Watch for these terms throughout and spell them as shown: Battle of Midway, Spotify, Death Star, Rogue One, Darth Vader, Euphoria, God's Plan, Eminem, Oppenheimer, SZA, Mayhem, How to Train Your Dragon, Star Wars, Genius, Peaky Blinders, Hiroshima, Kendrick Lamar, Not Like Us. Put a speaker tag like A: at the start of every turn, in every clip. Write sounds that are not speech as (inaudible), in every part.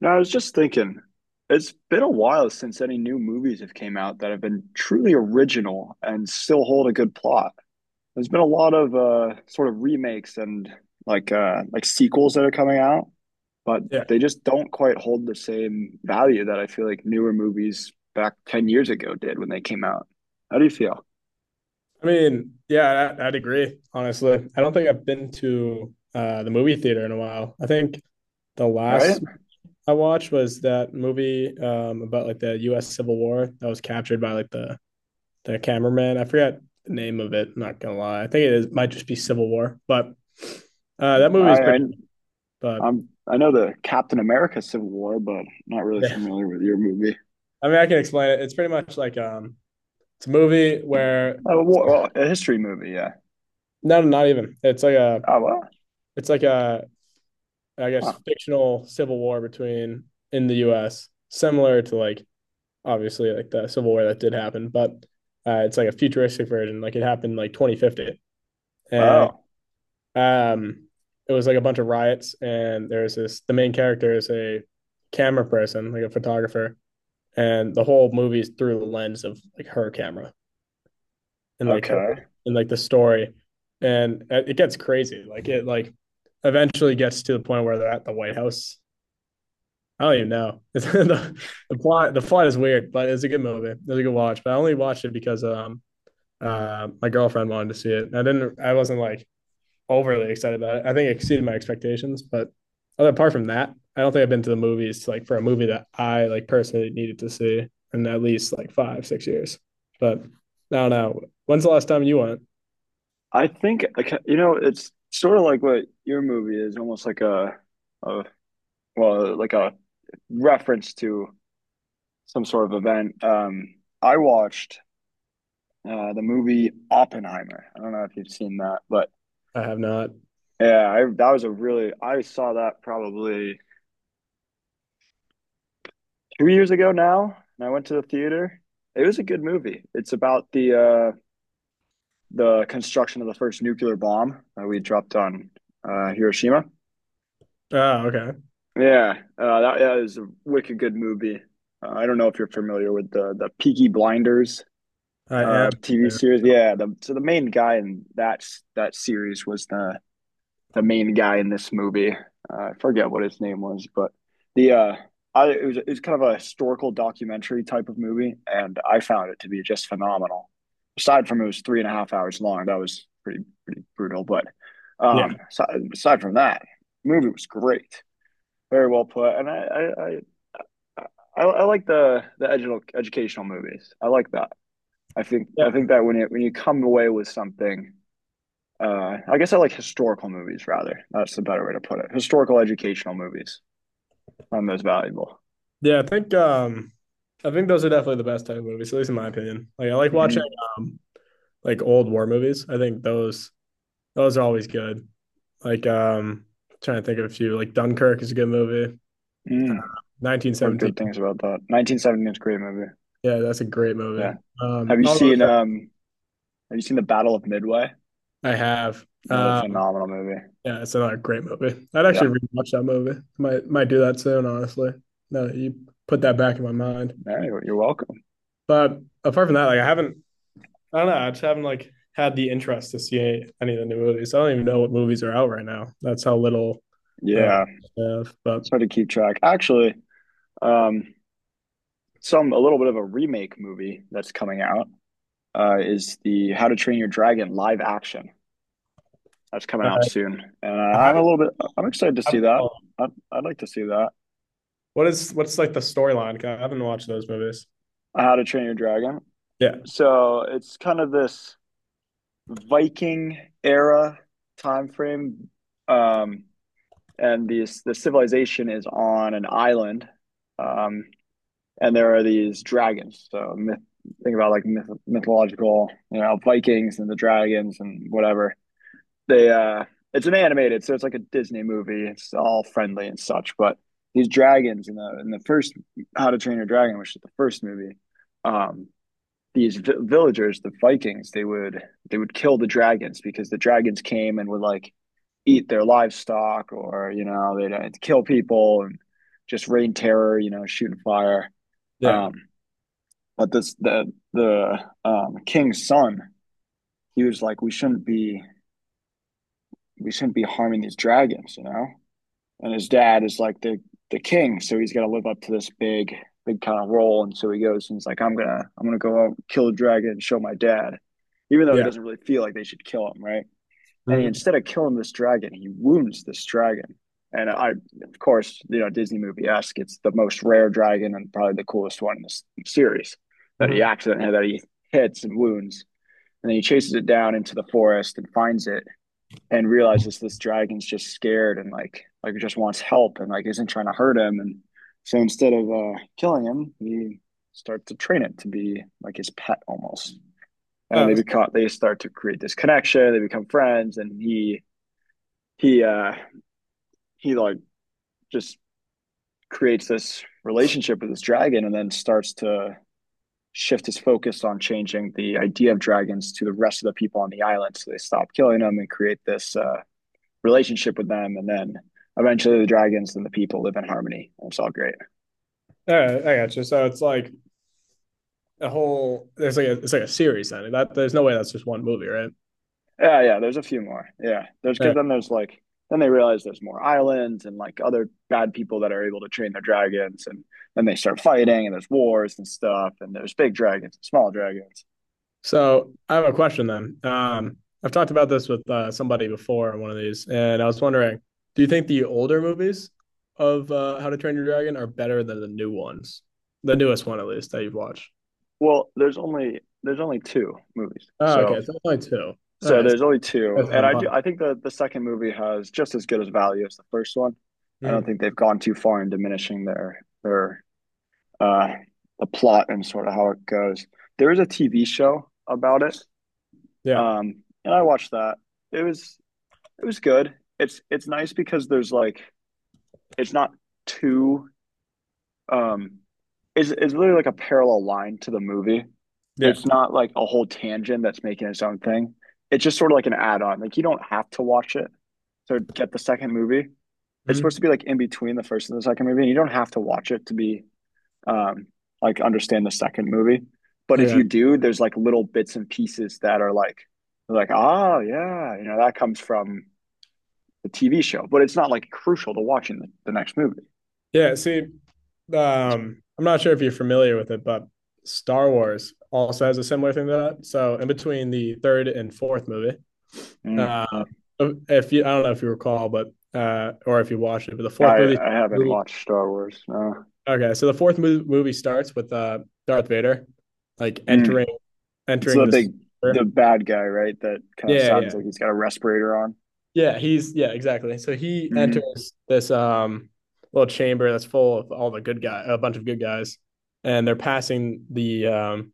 A: No, I was just thinking, it's been a while since any new movies have came out that have been truly original and still hold a good plot. There's been a lot of sort of remakes and like sequels that are coming out, but
B: Yeah.
A: they just don't quite hold the same value that I feel like newer movies back 10 years ago did when they came out. How do you feel?
B: I mean, yeah, I'd agree, honestly. I don't think I've been to the movie theater in a while. I think the
A: All right?
B: last
A: I.
B: I watched was that movie about like the US Civil War that was captured by like the cameraman. I forgot the name of it, I'm not gonna lie. I think it is, might just be Civil War, but that
A: Mm.
B: movie is
A: I
B: pretty but
A: I'm I know the Captain America Civil War, but not
B: (laughs)
A: really
B: yeah.
A: familiar with your movie.
B: I mean I can explain it. It's pretty much like it's a movie where
A: Oh, well, a history movie, yeah.
B: no, not even. It's like a
A: Oh, well.
B: it's like a I guess
A: Huh.
B: fictional civil war between in the U.S. similar to like obviously like the civil war that did happen, but it's like a futuristic version. Like it happened like 2050, and
A: Oh,
B: um, it was like a bunch of riots, and there's this the main character is a camera person, like a photographer, and the whole movie's through the lens of like her camera and like her
A: okay.
B: and like the story, and it gets crazy. Like it like eventually gets to the point where they're at the White House. I don't even know. (laughs) The plot is weird, but it's a good movie. It was a good watch. But I only watched it because my girlfriend wanted to see it. I wasn't like overly excited about it. I think it exceeded my expectations, but other apart from that, I don't think I've been to the movies like for a movie that I like personally needed to see in at least like 5, 6 years. But I don't know. When's the last time you went?
A: I think okay, you know it's sort of like what your movie is, almost like a a reference to some sort of event. I watched the movie Oppenheimer. I don't know if you've seen that, but
B: I have not.
A: yeah, I, that was a really I saw that probably 2 years ago now, and I went to the theater. It was a good movie. It's about the construction of the first nuclear bomb that we dropped on Hiroshima.
B: Oh, okay.
A: Yeah, that is a wicked good movie. I don't know if you're familiar with the Peaky Blinders
B: I am.
A: TV series. Yeah, the, so the main guy in that series was the main guy in this movie. I forget what his name was, but the I, it was kind of a historical documentary type of movie, and I found it to be just phenomenal. Aside from it was three and a half hours long, that was pretty brutal. But
B: Yeah.
A: aside from that, movie was great. Very well put. And I like the educational movies. I like that. I think that when you come away with something, I guess I like historical movies rather. That's the better way to put it. Historical educational movies. I'm most valuable.
B: Yeah, I think those are definitely the best type of movies, at least in my opinion. Like I like watching
A: Hmm.
B: um like old war movies. I think those are always good. Like trying to think of a few. Like Dunkirk is a good movie.
A: Mm. Heard
B: 1917.
A: good things about that. 1970 a great movie.
B: Yeah, that's a great movie.
A: Yeah. Have you
B: All those
A: seen
B: that
A: um Have you seen the Battle of Midway?
B: I have.
A: Another
B: Um
A: phenomenal movie.
B: yeah, it's another great movie. I'd
A: Yeah.
B: actually rewatch that movie. Might do that soon, honestly. No, you put that back in my mind.
A: You're welcome.
B: But apart from that, like I don't know. I just haven't like had the interest to see any of the new movies. I don't even know what movies are out right now. That's how little uh,
A: Yeah.
B: I have. But
A: It's hard to keep track. Actually, um, some a little bit of a remake movie that's coming out is the How to Train Your Dragon live action that's coming out
B: uh,
A: soon, and
B: I
A: I'm a
B: haven't,
A: little bit I'm excited to
B: I
A: see
B: haven't-
A: that.
B: oh,
A: I'd like to see that
B: what's like the storyline? 'Cause I haven't watched those movies.
A: How to Train Your Dragon.
B: Yeah,
A: So it's kind of this Viking era time frame, um, and the civilization is on an island, um, and there are these dragons. So myth, think about like myth, mythological, you know, Vikings and the dragons and whatever they it's an animated, so it's like a Disney movie. It's all friendly and such, but these dragons in the first How to Train Your Dragon, which is the first movie, um, these villagers, the Vikings, they would kill the dragons because the dragons came and would like eat their livestock or you know they'd kill people and just rain terror, you know, shooting fire.
B: yeah,
A: Um, but this the king's son, he was like, we shouldn't be harming these dragons, you know. And his dad is like the king, so he's got to live up to this big kind of role. And so he goes and he's like, I'm gonna go out and kill a dragon and show my dad, even though he
B: yeah.
A: doesn't really feel like they should kill him, right? And he,
B: Mm-hmm.
A: instead of killing this dragon, he wounds this dragon. And I, of course, you know, Disney movie esque. It's the most rare dragon and probably the coolest one in this series that he
B: Mm-hmm.
A: accidentally that he hits and wounds, and then he chases it down into the forest and finds it and realizes this dragon's just scared and like just wants help and like isn't trying to hurt him and so instead of killing him he starts to train it to be like his pet almost and they
B: Oh,
A: become they start to create this connection they become friends and he uh he like just creates this relationship with this dragon and then starts to shift his focus on changing the idea of dragons to the rest of the people on the island so they stop killing them and create this relationship with them, and then eventually the dragons and the people live in harmony. It's all great.
B: all right, I got you. So it's like a whole. It's like a series then. That there's no way that's just one movie, right?
A: Yeah, yeah. There's a few more. Yeah, there's because
B: All
A: then there's like then they realize there's more islands and like other bad people that are able to train their dragons, and then they start fighting and there's wars and stuff, and there's big dragons, and small dragons.
B: So I have a question then. I've talked about this with somebody before on one of these, and I was wondering, do you think the older movies of How to Train Your Dragon are better than the new ones? The newest one, at least, that you've watched.
A: Well, there's only two movies,
B: Oh,
A: so
B: okay. So only two. All
A: so
B: right. So
A: there's only two,
B: that's
A: and I do
B: impossible.
A: I think that the second movie has just as good as value as the first one. I don't
B: Mhm.
A: think they've gone too far in diminishing their uh, the plot and sort of how it goes. There is a TV show about it,
B: Yeah.
A: um, and I watched that. It was it was good. It's nice because there's like it's not too um, it's really like a parallel line to the movie.
B: Yeah.
A: It's not like a whole tangent that's making its own thing. It's just sort of like an add-on. Like you don't have to watch it to get the second movie. It's supposed
B: Hmm.
A: to be like in between the first and the second movie, and you don't have to watch it to be um, like understand the second movie. But
B: I
A: if
B: got
A: you
B: it.
A: do, there's like little bits and pieces that are like oh yeah, you know that comes from the TV show, but it's not like crucial to watching the next movie.
B: Yeah. See, I'm not sure if you're familiar with it, but Star Wars also has a similar thing to that. So in between the third and fourth movie,
A: Mm,
B: uh,
A: mm.
B: If you, I don't know if you recall, but or if you watched it, but the fourth movie.
A: I haven't watched Star Wars. No,
B: Okay, so the fourth movie starts with Darth Vader, like
A: mm. It's
B: entering
A: the
B: this.
A: big the bad guy, right? That kind of
B: Yeah,
A: sounds
B: yeah,
A: like he's got a respirator on.
B: yeah. He's yeah, exactly. So he
A: Mm-hmm.
B: enters this little chamber that's full of all the good guy, a bunch of good guys, and they're passing the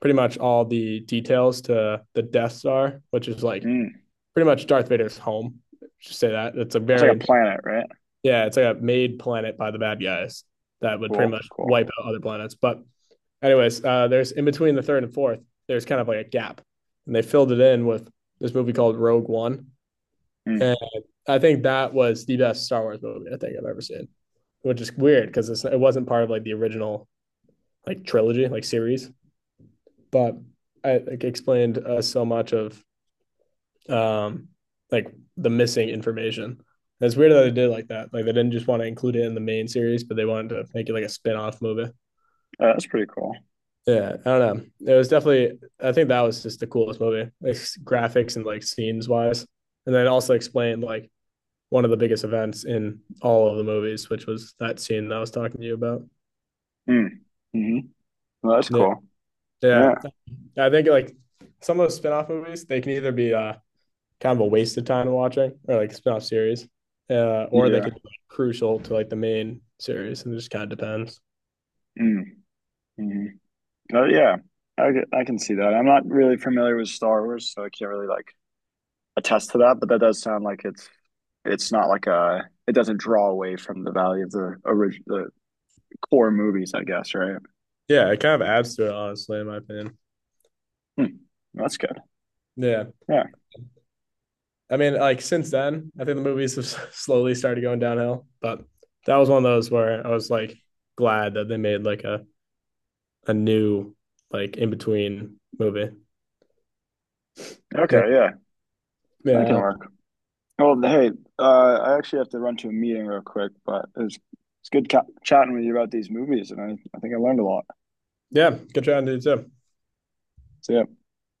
B: pretty much all the details to the Death Star, which is like
A: Mm.
B: pretty much Darth Vader's home. Just say that it's a
A: It's like a
B: very.
A: planet, right?
B: Yeah, it's like a made planet by the bad guys that would pretty
A: Cool,
B: much
A: cool.
B: wipe out other planets. But anyways, there's in between the third and fourth, there's kind of like a gap, and they filled it in with this movie called Rogue One, and
A: Mm.
B: I think that was the best Star Wars movie I think I've ever seen, which is weird because it wasn't part of like the original like trilogy like series, but I like, explained so much of um like the missing information. And it's weird that they did it like that. Like they didn't just want to include it in the main series, but they wanted to make it like a spin-off movie.
A: That's pretty cool.
B: Yeah, I don't know. It was definitely I think that was just the coolest movie, like graphics and like scenes wise. And then also explained like one of the biggest events in all of the movies, which was that scene that I was talking to you about.
A: Mm. Mm-hmm. Well, that's
B: Yeah.
A: cool.
B: Yeah.
A: Yeah,
B: I think like some of those spin-off movies, they can either be kind of a waste of time watching or like spin-off series. Or they could
A: yeah.
B: be like, crucial to like the main series and it just kind of depends.
A: Mm. Mm-hmm. Oh yeah, I can see that. I'm not really familiar with Star Wars, so I can't really like attest to that. But that does sound like it's not like a it doesn't draw away from the value of the original the core movies, I guess, right?
B: Yeah, it kind of adds to it honestly in my opinion.
A: Hmm. That's good.
B: Yeah.
A: Yeah.
B: I mean, like since then, I think the movies have (laughs) slowly started going downhill, but that was one of those where I was like glad that they made like a new like in between movie. Yeah.
A: Okay. Yeah, that can
B: Yeah.
A: work. Well, hey, I actually have to run to a meeting real quick, but it's good ca chatting with you about these movies, and I think I learned a lot.
B: Yeah, good trying to do too.
A: So yeah.